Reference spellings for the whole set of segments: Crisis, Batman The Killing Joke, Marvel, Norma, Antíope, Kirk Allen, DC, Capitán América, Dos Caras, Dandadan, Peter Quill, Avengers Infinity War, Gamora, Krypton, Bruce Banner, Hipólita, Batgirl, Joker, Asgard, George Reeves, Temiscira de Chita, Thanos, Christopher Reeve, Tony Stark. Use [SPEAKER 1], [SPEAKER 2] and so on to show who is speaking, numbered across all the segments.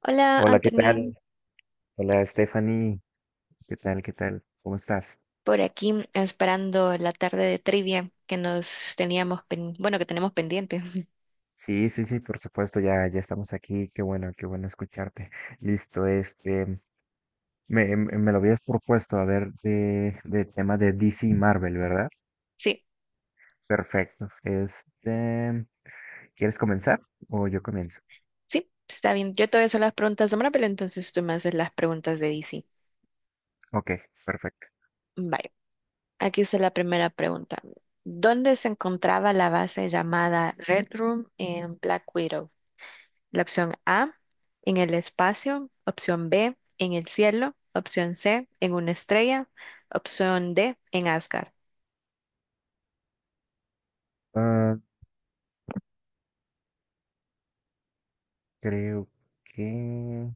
[SPEAKER 1] Hola,
[SPEAKER 2] Hola, ¿qué
[SPEAKER 1] Anthony.
[SPEAKER 2] tal? Hola, Stephanie. ¿Qué tal? ¿Qué tal? ¿Cómo estás?
[SPEAKER 1] Por aquí, esperando la tarde de trivia que nos teníamos, bueno, que tenemos pendiente.
[SPEAKER 2] Sí, sí, sí, por supuesto, ya, ya estamos aquí. Qué bueno escucharte. Listo, me lo habías propuesto, a ver, de tema de DC y Marvel, ¿verdad?
[SPEAKER 1] Sí,
[SPEAKER 2] Perfecto. ¿Quieres comenzar o yo comienzo?
[SPEAKER 1] sí, está bien. Yo te voy a hacer las preguntas de Marvel, entonces tú me haces las preguntas de DC.
[SPEAKER 2] Ok, perfecto.
[SPEAKER 1] Vale, aquí está la primera pregunta. ¿Dónde se encontraba la base llamada Red Room en Black Widow? La opción A, en el espacio; opción B, en el cielo; opción C, en una estrella; opción D, en Asgard.
[SPEAKER 2] Ah, creo que...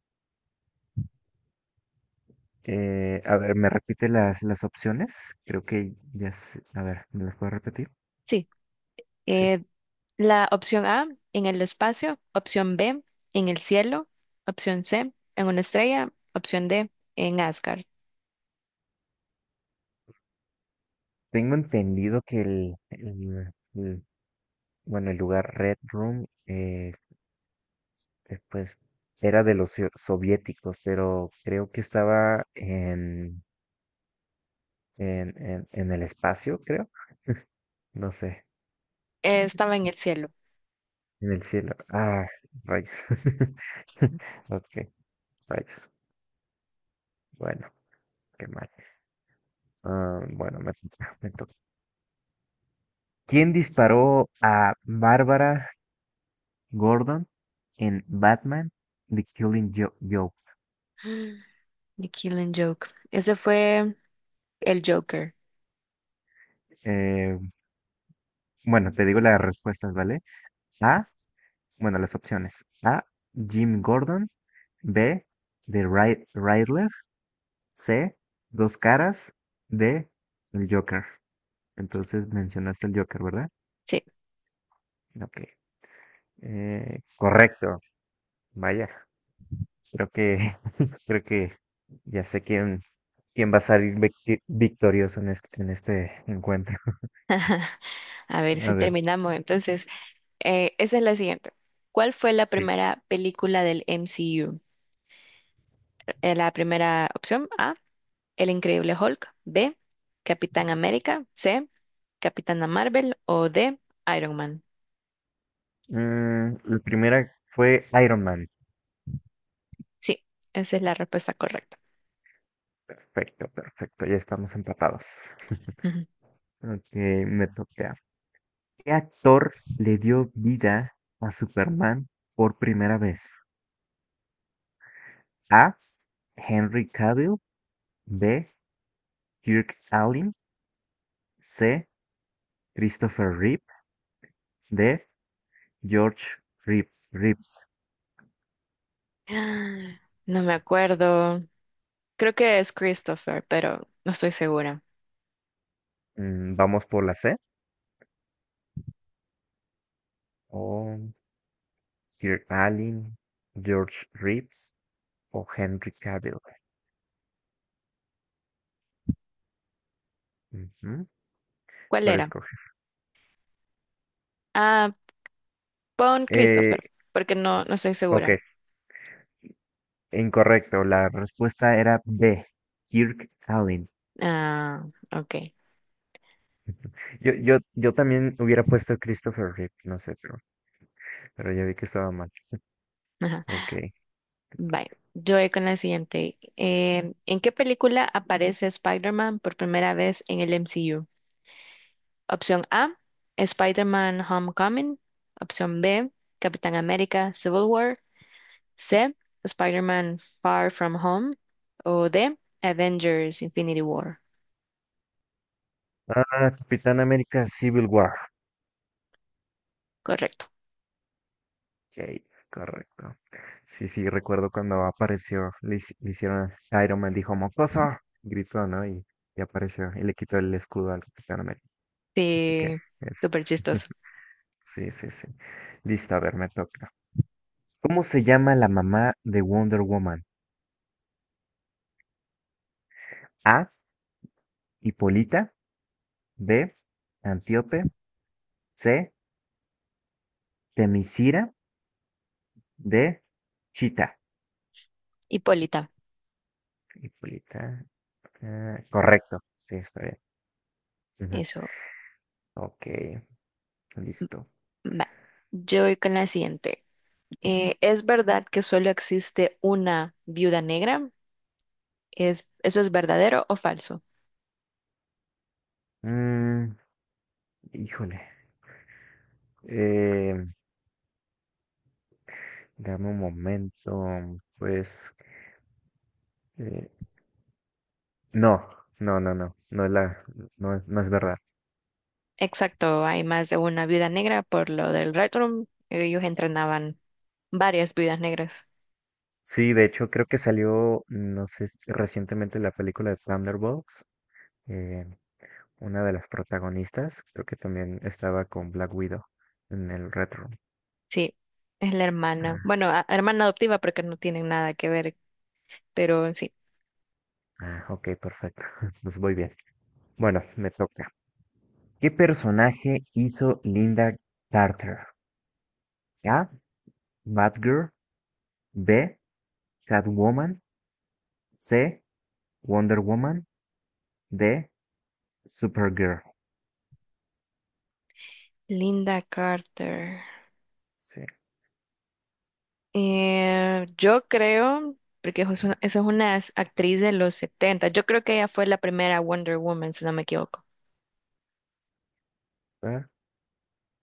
[SPEAKER 2] a ver, ¿me repite las opciones? Creo que ya sé. A ver, ¿me las puedo repetir?
[SPEAKER 1] Sí.
[SPEAKER 2] Sí.
[SPEAKER 1] eh, La opción A, en el espacio. Opción B, en el cielo. Opción C, en una estrella. Opción D, en Asgard.
[SPEAKER 2] Tengo entendido que bueno, el lugar Red Room, pues, era de los soviéticos, pero creo que estaba en el espacio, creo. No sé,
[SPEAKER 1] Estaba en el cielo.
[SPEAKER 2] en el cielo. Ah, rayos. Ok, rayos. Bueno, qué mal. Ah, bueno, me toca, me toca. ¿Quién disparó a Bárbara Gordon en Batman The Killing Joke?
[SPEAKER 1] The Killing Joke. Ese fue el Joker.
[SPEAKER 2] Eh, Bueno, te digo las respuestas, ¿vale? A, bueno, las opciones. A, Jim Gordon. B, The Riddler. C, Dos Caras. D, el Joker. Entonces mencionaste el Joker, ¿verdad?
[SPEAKER 1] Sí.
[SPEAKER 2] Ok. Correcto. Vaya, creo que, creo que ya sé quién, quién va a salir victorioso en este encuentro.
[SPEAKER 1] A ver
[SPEAKER 2] A
[SPEAKER 1] si
[SPEAKER 2] ver,
[SPEAKER 1] terminamos. Entonces, esa es la siguiente. ¿Cuál fue la
[SPEAKER 2] sí.
[SPEAKER 1] primera película del MCU? La primera, opción A, El Increíble Hulk; B, Capitán América; C, Capitana Marvel; o D, Iron Man.
[SPEAKER 2] Mm, la primera fue Iron Man.
[SPEAKER 1] Sí, esa es la respuesta correcta.
[SPEAKER 2] Perfecto, perfecto. Ya estamos empatados.
[SPEAKER 1] Ujú.
[SPEAKER 2] Ok, me toca. ¿Qué actor le dio vida a Superman por primera vez? A. Henry Cavill. B. Kirk Allen. C. Christopher Reeve. D. George Reeves.
[SPEAKER 1] Ah, no me acuerdo. Creo que es Christopher, pero no estoy segura.
[SPEAKER 2] Mm, vamos por la C. O Kirk Allen, George Reeves o Henry Cavill. Ujú,
[SPEAKER 1] ¿Cuál
[SPEAKER 2] ¿cuál
[SPEAKER 1] era?
[SPEAKER 2] escoges?
[SPEAKER 1] Ah, pon
[SPEAKER 2] Eh,
[SPEAKER 1] Christopher, porque no, no estoy
[SPEAKER 2] ok,
[SPEAKER 1] segura.
[SPEAKER 2] incorrecto. La respuesta era B. Kirk Allen.
[SPEAKER 1] Ah, ok.
[SPEAKER 2] Yo también hubiera puesto Christopher Reeve, no sé, pero ya vi que estaba mal.
[SPEAKER 1] Ajá.
[SPEAKER 2] Ok.
[SPEAKER 1] Bye. Yo voy con la siguiente. ¿En qué película aparece Spider-Man por primera vez en el MCU? Opción A, Spider-Man Homecoming. Opción B, Capitán América Civil War. C, Spider-Man Far From Home, o D, Avengers Infinity War.
[SPEAKER 2] Ah, Capitán América Civil War.
[SPEAKER 1] Correcto.
[SPEAKER 2] Ok, correcto. Sí, sí, recuerdo cuando apareció, le, le hicieron, Iron Man dijo, mocoso, gritó, ¿no? Y apareció y le quitó el escudo al Capitán América. Así que
[SPEAKER 1] Sí,
[SPEAKER 2] eso.
[SPEAKER 1] súper chistoso.
[SPEAKER 2] Sí, sí, sí. Listo, a ver, me toca. ¿Cómo se llama la mamá de Wonder Woman? A, Hipólita, B, Antíope, C, Temiscira de Chita.
[SPEAKER 1] Hipólita,
[SPEAKER 2] Hipólita. Ah, correcto. Sí, está bien. Ujú.
[SPEAKER 1] eso
[SPEAKER 2] Ok, listo.
[SPEAKER 1] va. Yo voy con la siguiente. ¿Es verdad que solo existe una viuda negra? ¿ eso es verdadero o falso?
[SPEAKER 2] Mm, híjole. Eh, dame un momento. Pues. eh, no, no. No es no, no es verdad.
[SPEAKER 1] Exacto, hay más de una viuda negra por lo del Red Room. Ellos entrenaban varias viudas negras.
[SPEAKER 2] Sí, de hecho, creo que salió, no sé, si recientemente la película de Thunderbolts. eh, una de las protagonistas, creo que también estaba con Black Widow en el retro.
[SPEAKER 1] Sí, es la hermana.
[SPEAKER 2] Ah,
[SPEAKER 1] Bueno, hermana adoptiva porque no tienen nada que ver, pero sí.
[SPEAKER 2] ah, ok, perfecto. Pues voy bien. Bueno, me toca. ¿Qué personaje hizo Linda Carter? A. Batgirl. B. Catwoman. C. Wonder Woman. D. Supergirl.
[SPEAKER 1] Linda Carter.
[SPEAKER 2] Sí.
[SPEAKER 1] Yo creo, porque esa es una actriz de los 70. Yo creo que ella fue la primera Wonder Woman, si no me equivoco.
[SPEAKER 2] ¿Verdad?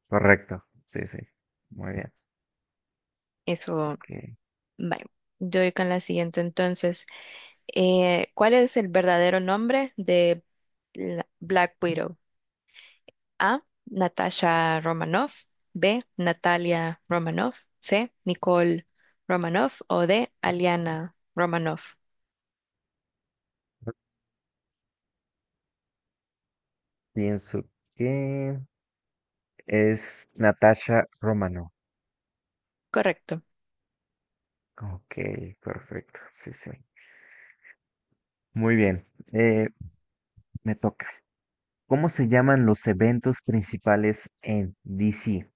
[SPEAKER 2] Correcto. Sí, sí. Muy bien.
[SPEAKER 1] Eso,
[SPEAKER 2] Ok.
[SPEAKER 1] vale. Yo voy con la siguiente entonces. ¿Cuál es el verdadero nombre de Black Widow? A, Natasha Romanoff; B, Natalia Romanoff; C, Nicole Romanoff; o D, Aliana Romanoff.
[SPEAKER 2] Pienso que es Natasha Romano.
[SPEAKER 1] Correcto.
[SPEAKER 2] Ok, perfecto. Sí, sí. Muy bien. Eh, me toca. ¿Cómo se llaman los eventos principales en DC?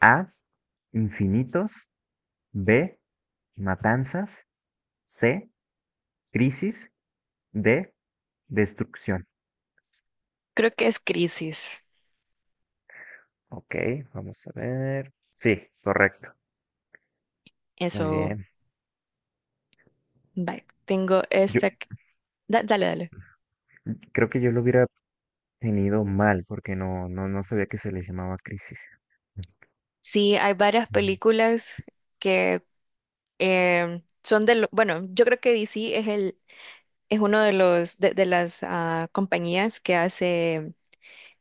[SPEAKER 2] A. Infinitos. B. Matanzas. C. Crisis. D. Destrucción.
[SPEAKER 1] Creo que es Crisis.
[SPEAKER 2] Ok, vamos a ver. Sí, correcto. Muy
[SPEAKER 1] Eso.
[SPEAKER 2] bien.
[SPEAKER 1] Vale, tengo
[SPEAKER 2] Yo
[SPEAKER 1] esta. Dale, dale.
[SPEAKER 2] creo que yo lo hubiera tenido mal porque no sabía que se le llamaba crisis.
[SPEAKER 1] Sí, hay varias
[SPEAKER 2] Mm,
[SPEAKER 1] películas que son de lo, bueno, yo creo que DC es el es uno de los de las, ah, compañías que hace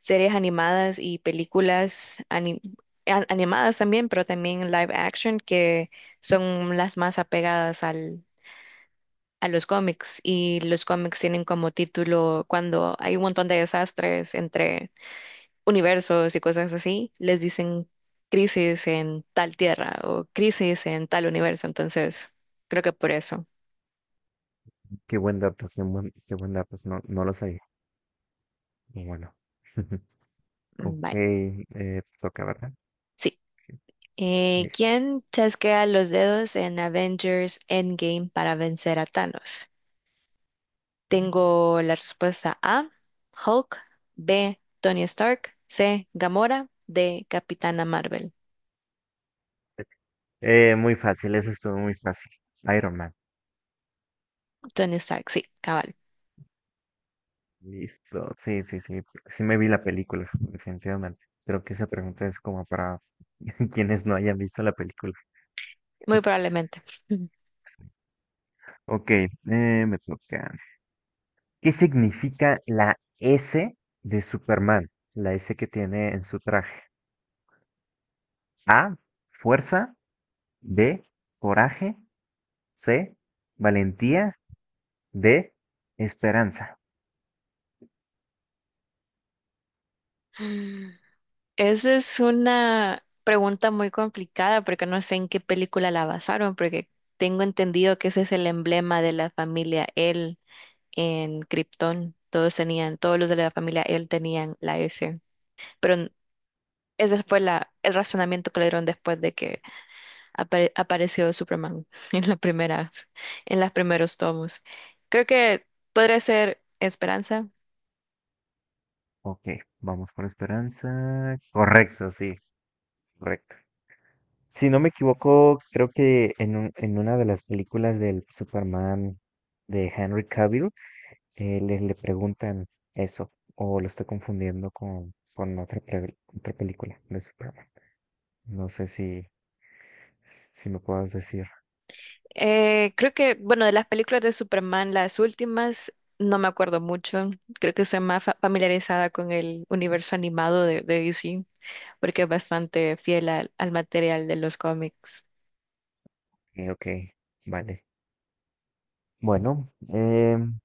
[SPEAKER 1] series animadas y películas animadas también, pero también live action, que son las más apegadas al a los cómics. Y los cómics tienen como título, cuando hay un montón de desastres entre universos y cosas así, les dicen crisis en tal tierra o crisis en tal universo. Entonces, creo que por eso.
[SPEAKER 2] qué buen dato, qué buen dato. No, no lo sabía. Y bueno.
[SPEAKER 1] Mm.
[SPEAKER 2] Ok,
[SPEAKER 1] Bye.
[SPEAKER 2] toca, ¿verdad?
[SPEAKER 1] Sí.
[SPEAKER 2] Sí, listo.
[SPEAKER 1] ¿Quién chasquea los dedos en Avengers Endgame para vencer a Thanos? Tengo la respuesta A, Hulk; B, Tony Stark; C, Gamora; D, Capitana Marvel.
[SPEAKER 2] Muy fácil, eso estuvo muy fácil. Iron Man.
[SPEAKER 1] Tony Stark, sí, cabal.
[SPEAKER 2] Listo. Sí, sí, sí. Sí me vi la película, definitivamente. Creo que esa pregunta es como para quienes no hayan visto la película.
[SPEAKER 1] Muy probablemente.
[SPEAKER 2] Ok, me toca. ¿Qué significa la S de Superman? La S que tiene en su traje. A, fuerza. B, coraje. C, valentía. D, esperanza.
[SPEAKER 1] Eso es una pregunta muy complicada porque no sé en qué película la basaron, porque tengo entendido que ese es el emblema de la familia L en Krypton. Todos tenían, todos los de la familia L tenían la S. Pero ese fue la, el razonamiento que le dieron después de que apareció Superman en las primeras, en los primeros tomos. Creo que podría ser Esperanza.
[SPEAKER 2] Ok, vamos por esperanza. Correcto, sí, correcto. Si no me equivoco, creo que en una de las películas del Superman de Henry Cavill, le preguntan eso, o lo estoy confundiendo con otra, otra película de Superman. No sé si, si me puedas decir.
[SPEAKER 1] Creo que, bueno, de las películas de Superman, las últimas, no me acuerdo mucho. Creo que soy más familiarizada con el universo animado de DC, porque es bastante fiel al, al material de los cómics.
[SPEAKER 2] Ok, vale. Bueno,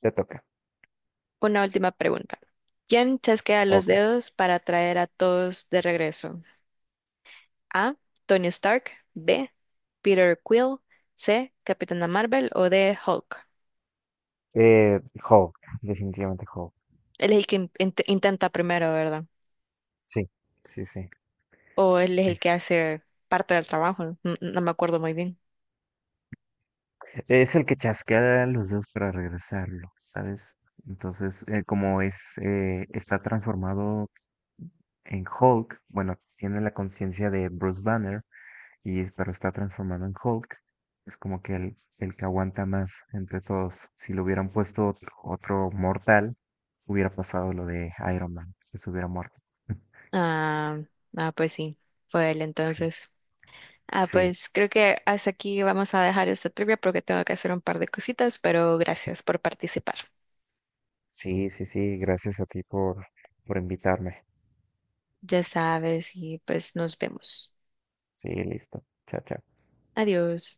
[SPEAKER 2] te toca.
[SPEAKER 1] Una última pregunta. ¿Quién chasquea los
[SPEAKER 2] Ok.
[SPEAKER 1] dedos para traer a todos de regreso? A, Tony Stark; B, Peter Quill; C, Capitana Marvel; o D, Hulk.
[SPEAKER 2] Eh, Hulk, definitivamente Hulk.
[SPEAKER 1] Él es el que intenta primero, ¿verdad?
[SPEAKER 2] Sí, sí, sí.
[SPEAKER 1] O él es el que hace parte del trabajo, no, no me acuerdo muy bien.
[SPEAKER 2] Es el que chasquea los dedos para regresarlo, ¿sabes? Entonces, como es, está transformado en Hulk, bueno, tiene la conciencia de Bruce Banner, pero está transformado en Hulk, es como que el que aguanta más entre todos. Si lo hubieran puesto otro, otro mortal, hubiera pasado lo de Iron Man, que se hubiera muerto.
[SPEAKER 1] Ah, ah, pues sí, fue él
[SPEAKER 2] Sí,
[SPEAKER 1] entonces. Ah,
[SPEAKER 2] sí,
[SPEAKER 1] pues creo que hasta aquí vamos a dejar esta trivia porque tengo que hacer un par de cositas, pero gracias por participar.
[SPEAKER 2] sí, sí, sí, gracias a ti por invitarme.
[SPEAKER 1] Ya sabes, y pues nos vemos.
[SPEAKER 2] Sí, listo. Chao, chao.
[SPEAKER 1] Adiós.